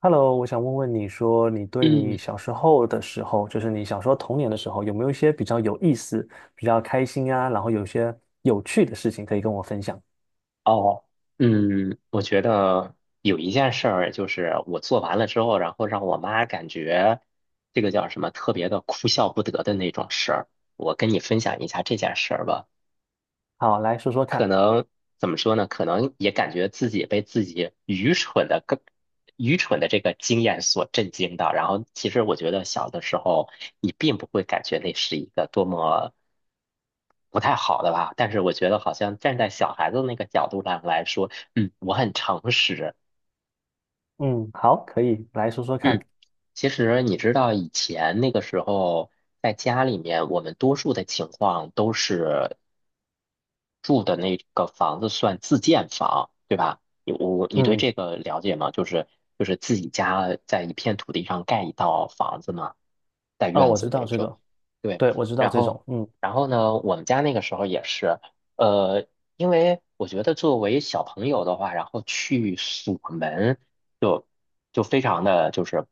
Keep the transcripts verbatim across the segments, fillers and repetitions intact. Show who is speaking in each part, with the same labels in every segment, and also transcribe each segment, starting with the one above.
Speaker 1: Hello，我想问问你说，你对你
Speaker 2: 嗯，
Speaker 1: 小时候的时候，就是你小时候童年的时候，有没有一些比较有意思、比较开心啊，然后有一些有趣的事情可以跟我分享？
Speaker 2: 哦，嗯，我觉得有一件事儿，就是我做完了之后，然后让我妈感觉这个叫什么特别的哭笑不得的那种事儿，我跟你分享一下这件事儿吧。
Speaker 1: 好，来说说
Speaker 2: 可
Speaker 1: 看。
Speaker 2: 能怎么说呢？可能也感觉自己被自己愚蠢的更愚蠢的这个经验所震惊到。然后，其实我觉得小的时候，你并不会感觉那是一个多么不太好的吧，但是我觉得好像站在小孩子那个角度上来说，嗯，我很诚实。
Speaker 1: 嗯，好，可以，来说说看。
Speaker 2: 嗯，其实你知道以前那个时候在家里面，我们多数的情况都是，住的那个房子算自建房，对吧？你我你对
Speaker 1: 嗯，
Speaker 2: 这个了解吗？就是就是自己家在一片土地上盖一套房子嘛，带
Speaker 1: 啊，
Speaker 2: 院
Speaker 1: 我知
Speaker 2: 子
Speaker 1: 道
Speaker 2: 那
Speaker 1: 这
Speaker 2: 种。
Speaker 1: 个，
Speaker 2: 对，
Speaker 1: 对，我知道
Speaker 2: 然
Speaker 1: 这
Speaker 2: 后
Speaker 1: 种。嗯
Speaker 2: 然后呢，我们家那个时候也是，呃，因为我觉得作为小朋友的话，然后去锁门就就非常的就是，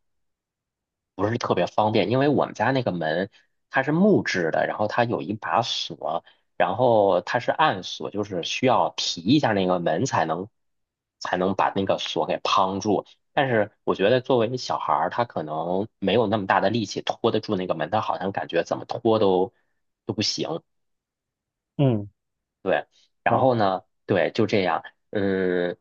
Speaker 2: 不是特别方便，因为我们家那个门它是木质的，然后它有一把锁，然后它是暗锁，就是需要提一下那个门才能才能把那个锁给夯住。但是我觉得作为小孩儿，他可能没有那么大的力气拖得住那个门，他好像感觉怎么拖都都不行。
Speaker 1: 嗯，
Speaker 2: 对，然
Speaker 1: 然后
Speaker 2: 后呢，对，就这样，嗯，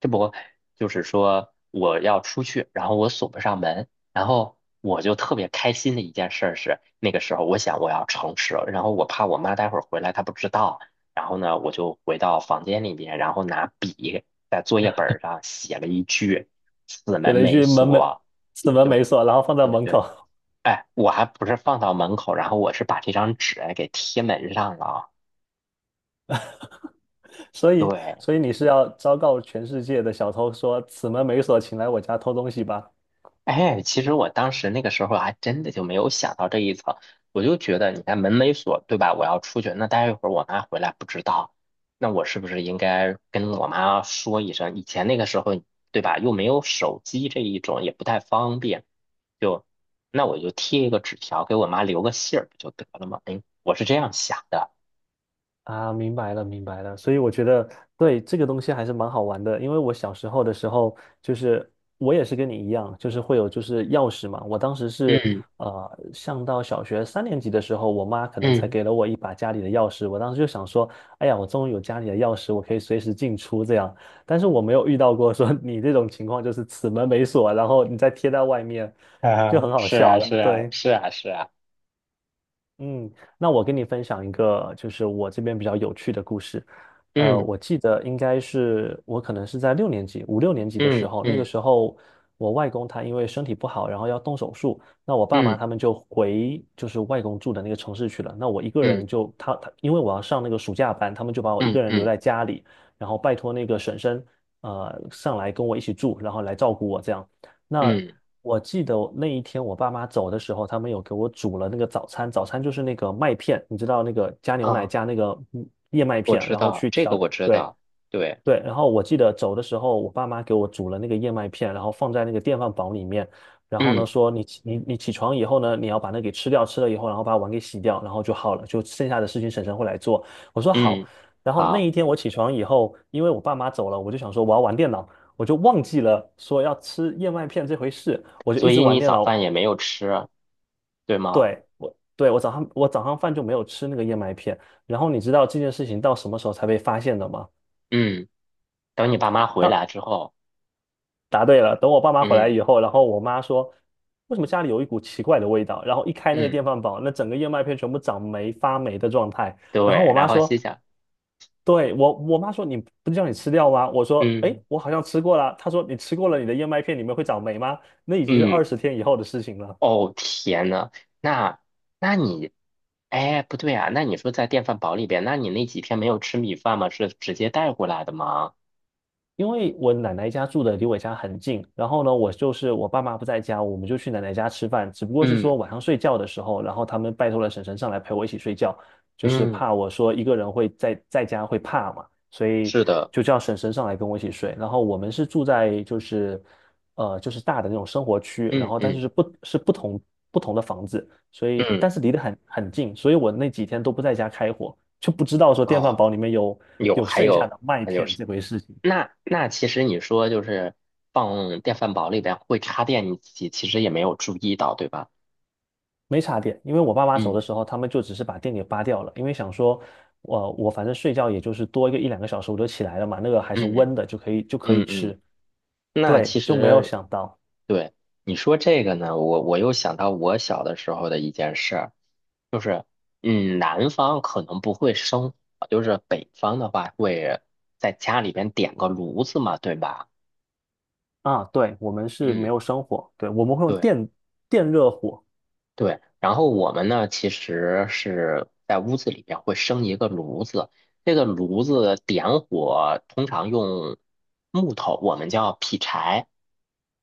Speaker 2: 这不就是说我要出去，然后我锁不上门，然后我就特别开心的一件事儿是，那个时候我想我要诚实，然后我怕我妈待会儿回来她不知道，然后呢，我就回到房间里面，然后拿笔在作业本儿上写了一句"此
Speaker 1: 写
Speaker 2: 门
Speaker 1: 了一
Speaker 2: 没
Speaker 1: 句门没
Speaker 2: 锁"，
Speaker 1: 此门没
Speaker 2: 对
Speaker 1: 锁，然后放在
Speaker 2: 对
Speaker 1: 门
Speaker 2: 对，
Speaker 1: 口，
Speaker 2: 哎，我还不是放到门口，然后我是把这张纸给贴门上了啊，
Speaker 1: 所以
Speaker 2: 对。
Speaker 1: 所以你是要昭告全世界的小偷说，此门没锁，请来我家偷东西吧？
Speaker 2: 哎，其实我当时那个时候还真的就没有想到这一层，我就觉得你看门没锁，对吧？我要出去，那待一会儿我妈回来不知道，那我是不是应该跟我妈说一声？以前那个时候，对吧？又没有手机这一种，也不太方便，就那我就贴一个纸条给我妈留个信儿不就得了吗？哎，我是这样想的。
Speaker 1: 啊，明白了，明白了。所以我觉得对这个东西还是蛮好玩的，因为我小时候的时候，就是我也是跟你一样，就是会有就是钥匙嘛。我当时是
Speaker 2: 嗯
Speaker 1: 呃上到小学三年级的时候，我妈可能才
Speaker 2: 嗯
Speaker 1: 给了我一把家里的钥匙。我当时就想说，哎呀，我终于有家里的钥匙，我可以随时进出这样。但是我没有遇到过说 你这种情况，就是此门没锁，然后你再贴在外面，就
Speaker 2: 啊，
Speaker 1: 很好
Speaker 2: 是
Speaker 1: 笑
Speaker 2: 啊是
Speaker 1: 了。
Speaker 2: 啊
Speaker 1: 对。
Speaker 2: 是啊是啊，
Speaker 1: 嗯，那我跟你分享一个，就是我这边比较有趣的故事。呃，
Speaker 2: 嗯
Speaker 1: 我记得应该是我可能是在六年级、五六年级的时
Speaker 2: 嗯
Speaker 1: 候，那个
Speaker 2: 嗯
Speaker 1: 时候我外公他因为身体不好，然后要动手术，那我爸妈
Speaker 2: 嗯
Speaker 1: 他们就回就是外公住的那个城市去了。那我一个
Speaker 2: 嗯
Speaker 1: 人就他他，因为我要上那个暑假班，他们就把我一
Speaker 2: 嗯
Speaker 1: 个人留
Speaker 2: 嗯
Speaker 1: 在家里，然后拜托那个婶婶呃上来跟我一起住，然后来照顾我这样。那
Speaker 2: 嗯
Speaker 1: 我记得那一天我爸妈走的时候，他们有给我煮了那个早餐，早餐就是那个麦片，你知道那个加牛奶
Speaker 2: 嗯。
Speaker 1: 加那个嗯燕麦
Speaker 2: 我
Speaker 1: 片，
Speaker 2: 知
Speaker 1: 然后
Speaker 2: 道，
Speaker 1: 去
Speaker 2: 这
Speaker 1: 调，
Speaker 2: 个我知
Speaker 1: 对，
Speaker 2: 道，对，
Speaker 1: 对，然后我记得走的时候，我爸妈给我煮了那个燕麦片，然后放在那个电饭煲里面，然后呢
Speaker 2: 嗯
Speaker 1: 说你起你你起床以后呢，你要把那给吃掉，吃了以后，然后把碗给洗掉，然后就好了，就剩下的事情婶婶会来做。我说好，
Speaker 2: 嗯
Speaker 1: 然后那
Speaker 2: 好，
Speaker 1: 一天我起床以后，因为我爸妈走了，我就想说我要玩电脑，我就忘记了说要吃燕麦片这回事，我就
Speaker 2: 所
Speaker 1: 一直
Speaker 2: 以
Speaker 1: 玩
Speaker 2: 你
Speaker 1: 电
Speaker 2: 早
Speaker 1: 脑。
Speaker 2: 饭也没有吃，对吗？
Speaker 1: 对，我对我早上我早上饭就没有吃那个燕麦片，然后你知道这件事情到什么时候才被发现的吗？
Speaker 2: 嗯等你爸妈回
Speaker 1: 到
Speaker 2: 来之后，
Speaker 1: 答对了。等我爸妈回来
Speaker 2: 嗯
Speaker 1: 以后，然后我妈说，为什么家里有一股奇怪的味道？然后一开那个
Speaker 2: 嗯
Speaker 1: 电饭煲，那整个燕麦片全部长霉发霉的状态。然后
Speaker 2: 对，
Speaker 1: 我
Speaker 2: 然
Speaker 1: 妈
Speaker 2: 后
Speaker 1: 说，
Speaker 2: 心想，
Speaker 1: 对，我我妈说你不是叫你吃掉吗？我说，哎，
Speaker 2: 嗯
Speaker 1: 我好像吃过了。她说你吃过了，你的燕麦片里面会长霉吗？那已经是
Speaker 2: 嗯，
Speaker 1: 二十天以后的事情了。
Speaker 2: 哦天呐，那那你，哎，不对啊，那你说在电饭煲里边，那你那几天没有吃米饭吗？是直接带过来的吗？
Speaker 1: 因为我奶奶家住的离我家很近，然后呢，我就是我爸妈不在家，我们就去奶奶家吃饭。只不过是
Speaker 2: 嗯
Speaker 1: 说晚上睡觉的时候，然后他们拜托了婶婶上来陪我一起睡觉，就是
Speaker 2: 嗯
Speaker 1: 怕我说一个人会在在家会怕嘛，所以
Speaker 2: 是的，
Speaker 1: 就叫婶婶上来跟我一起睡。然后我们是住在就是呃就是大的那种生活区，然
Speaker 2: 嗯
Speaker 1: 后但
Speaker 2: 嗯
Speaker 1: 是是不是不同不同的房子，所以
Speaker 2: 嗯，
Speaker 1: 但是离得很很近，所以我那几天都不在家开火，就不知道说电饭煲
Speaker 2: 哦，
Speaker 1: 里面有
Speaker 2: 有，
Speaker 1: 有
Speaker 2: 还
Speaker 1: 剩下
Speaker 2: 有。
Speaker 1: 的麦
Speaker 2: 那就
Speaker 1: 片
Speaker 2: 是。
Speaker 1: 这回事情。
Speaker 2: 那那其实你说就是放电饭煲里边会插电，你自己其实也没有注意到，对吧？
Speaker 1: 没插电，因为我爸妈走的
Speaker 2: 嗯
Speaker 1: 时候，他们就只是把电给拔掉了，因为想说，我、我反正睡觉也就是多一个一两个小时我就起来了嘛，那个还是
Speaker 2: 嗯
Speaker 1: 温的，就可以就可以
Speaker 2: 嗯嗯，
Speaker 1: 吃。
Speaker 2: 那
Speaker 1: 对，
Speaker 2: 其
Speaker 1: 就没有
Speaker 2: 实
Speaker 1: 想到
Speaker 2: 对你说这个呢，我我又想到我小的时候的一件事儿，就是嗯，南方可能不会生火，就是北方的话会在家里边点个炉子嘛，对吧？
Speaker 1: 啊，对，我们是没
Speaker 2: 嗯。
Speaker 1: 有生火，对，我们会用
Speaker 2: 对。
Speaker 1: 电电热火，
Speaker 2: 对，然后我们呢，其实是在屋子里边会生一个炉子，这个炉子点火通常用木头，我们叫劈柴。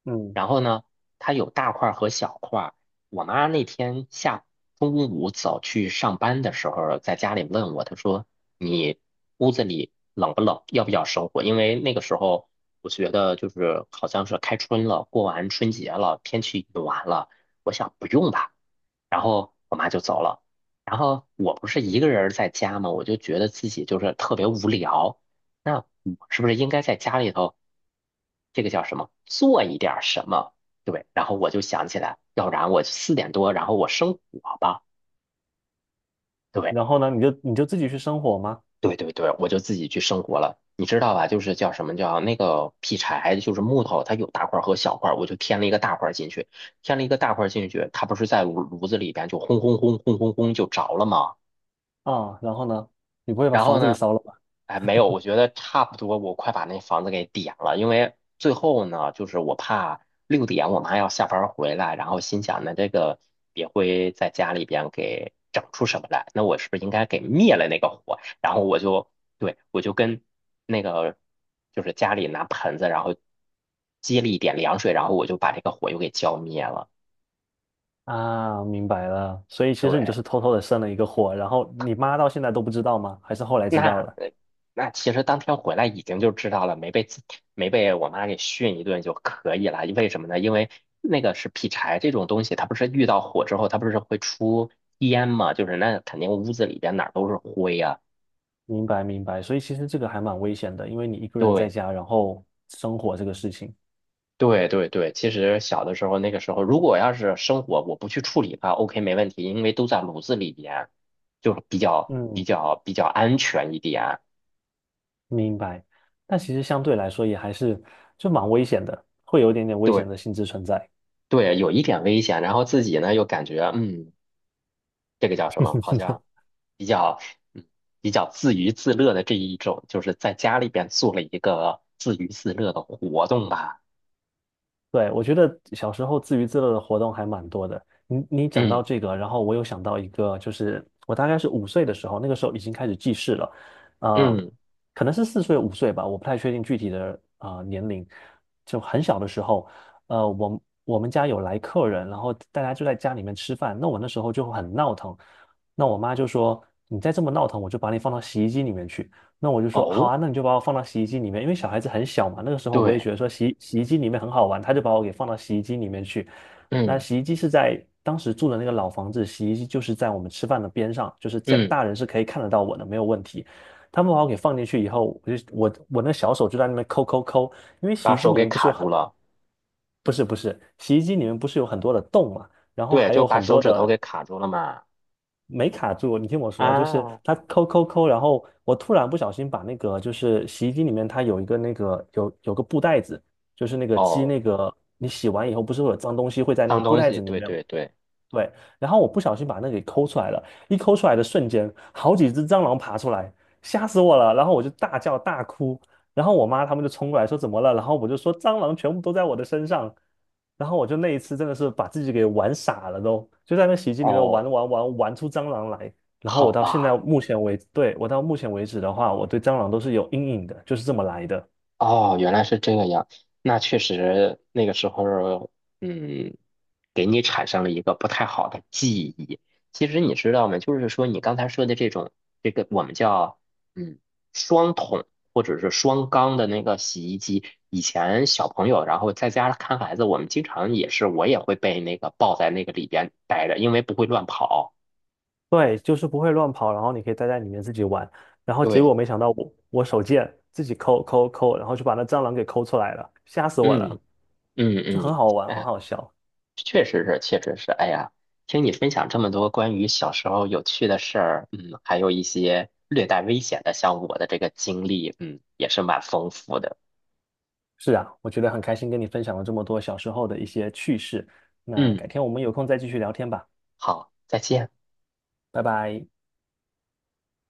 Speaker 1: 嗯，
Speaker 2: 然后呢，它有大块儿和小块儿。我妈那天下中午走去上班的时候，在家里问我，她说："你屋子里冷不冷？要不要生火？"因为那个时候我觉得就是好像是开春了，过完春节了，天气暖了，我想不用吧。然后我妈就走了。然后我不是一个人儿在家嘛，我就觉得自己就是特别无聊。那我是不是应该在家里头，这个叫什么，做一点儿什么？对，然后我就想起来，要不然我四点多，然后我生火吧。对，
Speaker 1: 然后呢，你就你就自己去生火吗？
Speaker 2: 对对对，我就自己去生火了。你知道吧？就是叫什么叫那个劈柴，就是木头，它有大块儿和小块儿，我就添了一个大块儿进去，添了一个大块儿进去，它不是在炉炉子里边就轰轰轰轰轰轰就着了吗？
Speaker 1: 啊，然后呢，你不会把
Speaker 2: 然后
Speaker 1: 房子给
Speaker 2: 呢，
Speaker 1: 烧了吧？
Speaker 2: 哎，没有，我觉得差不多，我快把那房子给点了，因为最后呢，就是我怕六点我妈要下班儿回来，然后心想那这个也会在家里边给整出什么来，那我是不是应该给灭了那个火？然后我就，对，我就跟那个就是家里拿盆子，然后接了一点凉水，然后我就把这个火又给浇灭了。
Speaker 1: 啊，明白了，所以其实你就
Speaker 2: 对，
Speaker 1: 是偷偷的生了一个火，然后你妈到现在都不知道吗？还是后来知道
Speaker 2: 那
Speaker 1: 了？
Speaker 2: 呃那其实当天回来已经就知道了，没被自没被我妈给训一顿就可以了。为什么呢？因为那个是劈柴这种东西，它不是遇到火之后，它不是会出烟嘛？就是那肯定屋子里边哪儿都是灰呀、
Speaker 1: 明白明白，所以其实这个还蛮危险的，因为你一个人在
Speaker 2: 对
Speaker 1: 家，然后生火这个事情，
Speaker 2: 对对对，其实小的时候那个时候，如果要是生火我不去处理它，OK 没问题，因为都在炉子里边，就是比较比
Speaker 1: 嗯，
Speaker 2: 较比较安全一点。
Speaker 1: 明白。但其实相对来说也还是就蛮危险的，会有一点点危
Speaker 2: 对
Speaker 1: 险的性质存在。
Speaker 2: 对，有一点危险，然后自己呢又感觉嗯这个叫什么？好像比较嗯比较自娱自乐的这一种，就是在家里边做了一个自娱自乐的活动吧。
Speaker 1: 对，我觉得小时候自娱自乐的活动还蛮多的。你你讲到
Speaker 2: 嗯
Speaker 1: 这个，然后我有想到一个，就是我大概是五岁的时候，那个时候已经开始记事了，呃，
Speaker 2: 嗯，
Speaker 1: 可能是四岁五岁吧，我不太确定具体的呃年龄。就很小的时候，呃，我们我们家有来客人，然后大家就在家里面吃饭，那我那时候就很闹腾，那我妈就说：“你再这么闹腾，我就把你放到洗衣机里面去。”那我就说好
Speaker 2: 哦，
Speaker 1: 啊，那你就把我放到洗衣机里面，因为小孩子很小嘛，那个时候我也
Speaker 2: 对，
Speaker 1: 觉得说洗洗衣机里面很好玩，他就把我给放到洗衣机里面去。那
Speaker 2: 嗯
Speaker 1: 洗衣机是在当时住的那个老房子，洗衣机就是在我们吃饭的边上，就是家
Speaker 2: 嗯，
Speaker 1: 大人是可以看得到我的，没有问题。他们把我给放进去以后，我就我我那小手就在那边抠抠抠，因为洗
Speaker 2: 把
Speaker 1: 衣机
Speaker 2: 手
Speaker 1: 里
Speaker 2: 给
Speaker 1: 面不是
Speaker 2: 卡
Speaker 1: 有很
Speaker 2: 住了，
Speaker 1: 不是不是洗衣机里面不是有很多的洞嘛，然后
Speaker 2: 对，
Speaker 1: 还
Speaker 2: 就
Speaker 1: 有
Speaker 2: 把
Speaker 1: 很
Speaker 2: 手
Speaker 1: 多
Speaker 2: 指头
Speaker 1: 的。
Speaker 2: 给卡住了嘛。
Speaker 1: 没卡住，你听我说，就是
Speaker 2: 啊，
Speaker 1: 它抠抠抠，然后我突然不小心把那个就是洗衣机里面它有一个那个有有个布袋子，就是那个鸡
Speaker 2: 哦，
Speaker 1: 那个你洗完以后不是会有脏东西会在那个
Speaker 2: 脏
Speaker 1: 布
Speaker 2: 东
Speaker 1: 袋
Speaker 2: 西，
Speaker 1: 子里
Speaker 2: 对
Speaker 1: 面吗？
Speaker 2: 对对，
Speaker 1: 对，然后我不小心把那个给抠出来了，一抠出来的瞬间，好几只蟑螂爬出来，吓死我了。然后我就大叫大哭，然后我妈他们就冲过来说怎么了，然后我就说蟑螂全部都在我的身上，然后我就那一次真的是把自己给玩傻了都，就在那洗衣机里面
Speaker 2: 哦，
Speaker 1: 玩玩玩玩出蟑螂来。然后我
Speaker 2: 好
Speaker 1: 到现在
Speaker 2: 吧。
Speaker 1: 目前为，止，对，我到目前为止的话，我对蟑螂都是有阴影的，就是这么来的。
Speaker 2: 哦，原来是这个样。那确实，那个时候，嗯，给你产生了一个不太好的记忆。其实你知道吗？就是说你刚才说的这种，这个我们叫嗯双桶或者是双缸的那个洗衣机，以前小朋友然后在家看孩子，我们经常也是，我也会被那个抱在那个里边待着，因为不会乱跑。
Speaker 1: 对，就是不会乱跑，然后你可以待在里面自己玩。然后结果
Speaker 2: 对，
Speaker 1: 没想到我我手贱，自己抠抠抠，然后就把那蟑螂给抠出来了，吓死我了，
Speaker 2: 嗯嗯
Speaker 1: 就很
Speaker 2: 嗯，
Speaker 1: 好玩，很
Speaker 2: 哎。
Speaker 1: 好笑。
Speaker 2: 确实是，确实是。哎呀，听你分享这么多关于小时候有趣的事儿，嗯，还有一些略带危险的，像我的这个经历，嗯，也是蛮丰富的。
Speaker 1: 是啊，我觉得很开心跟你分享了这么多小时候的一些趣事。那
Speaker 2: 嗯，
Speaker 1: 改天我们有空再继续聊天吧，
Speaker 2: 好，再见。
Speaker 1: 拜拜。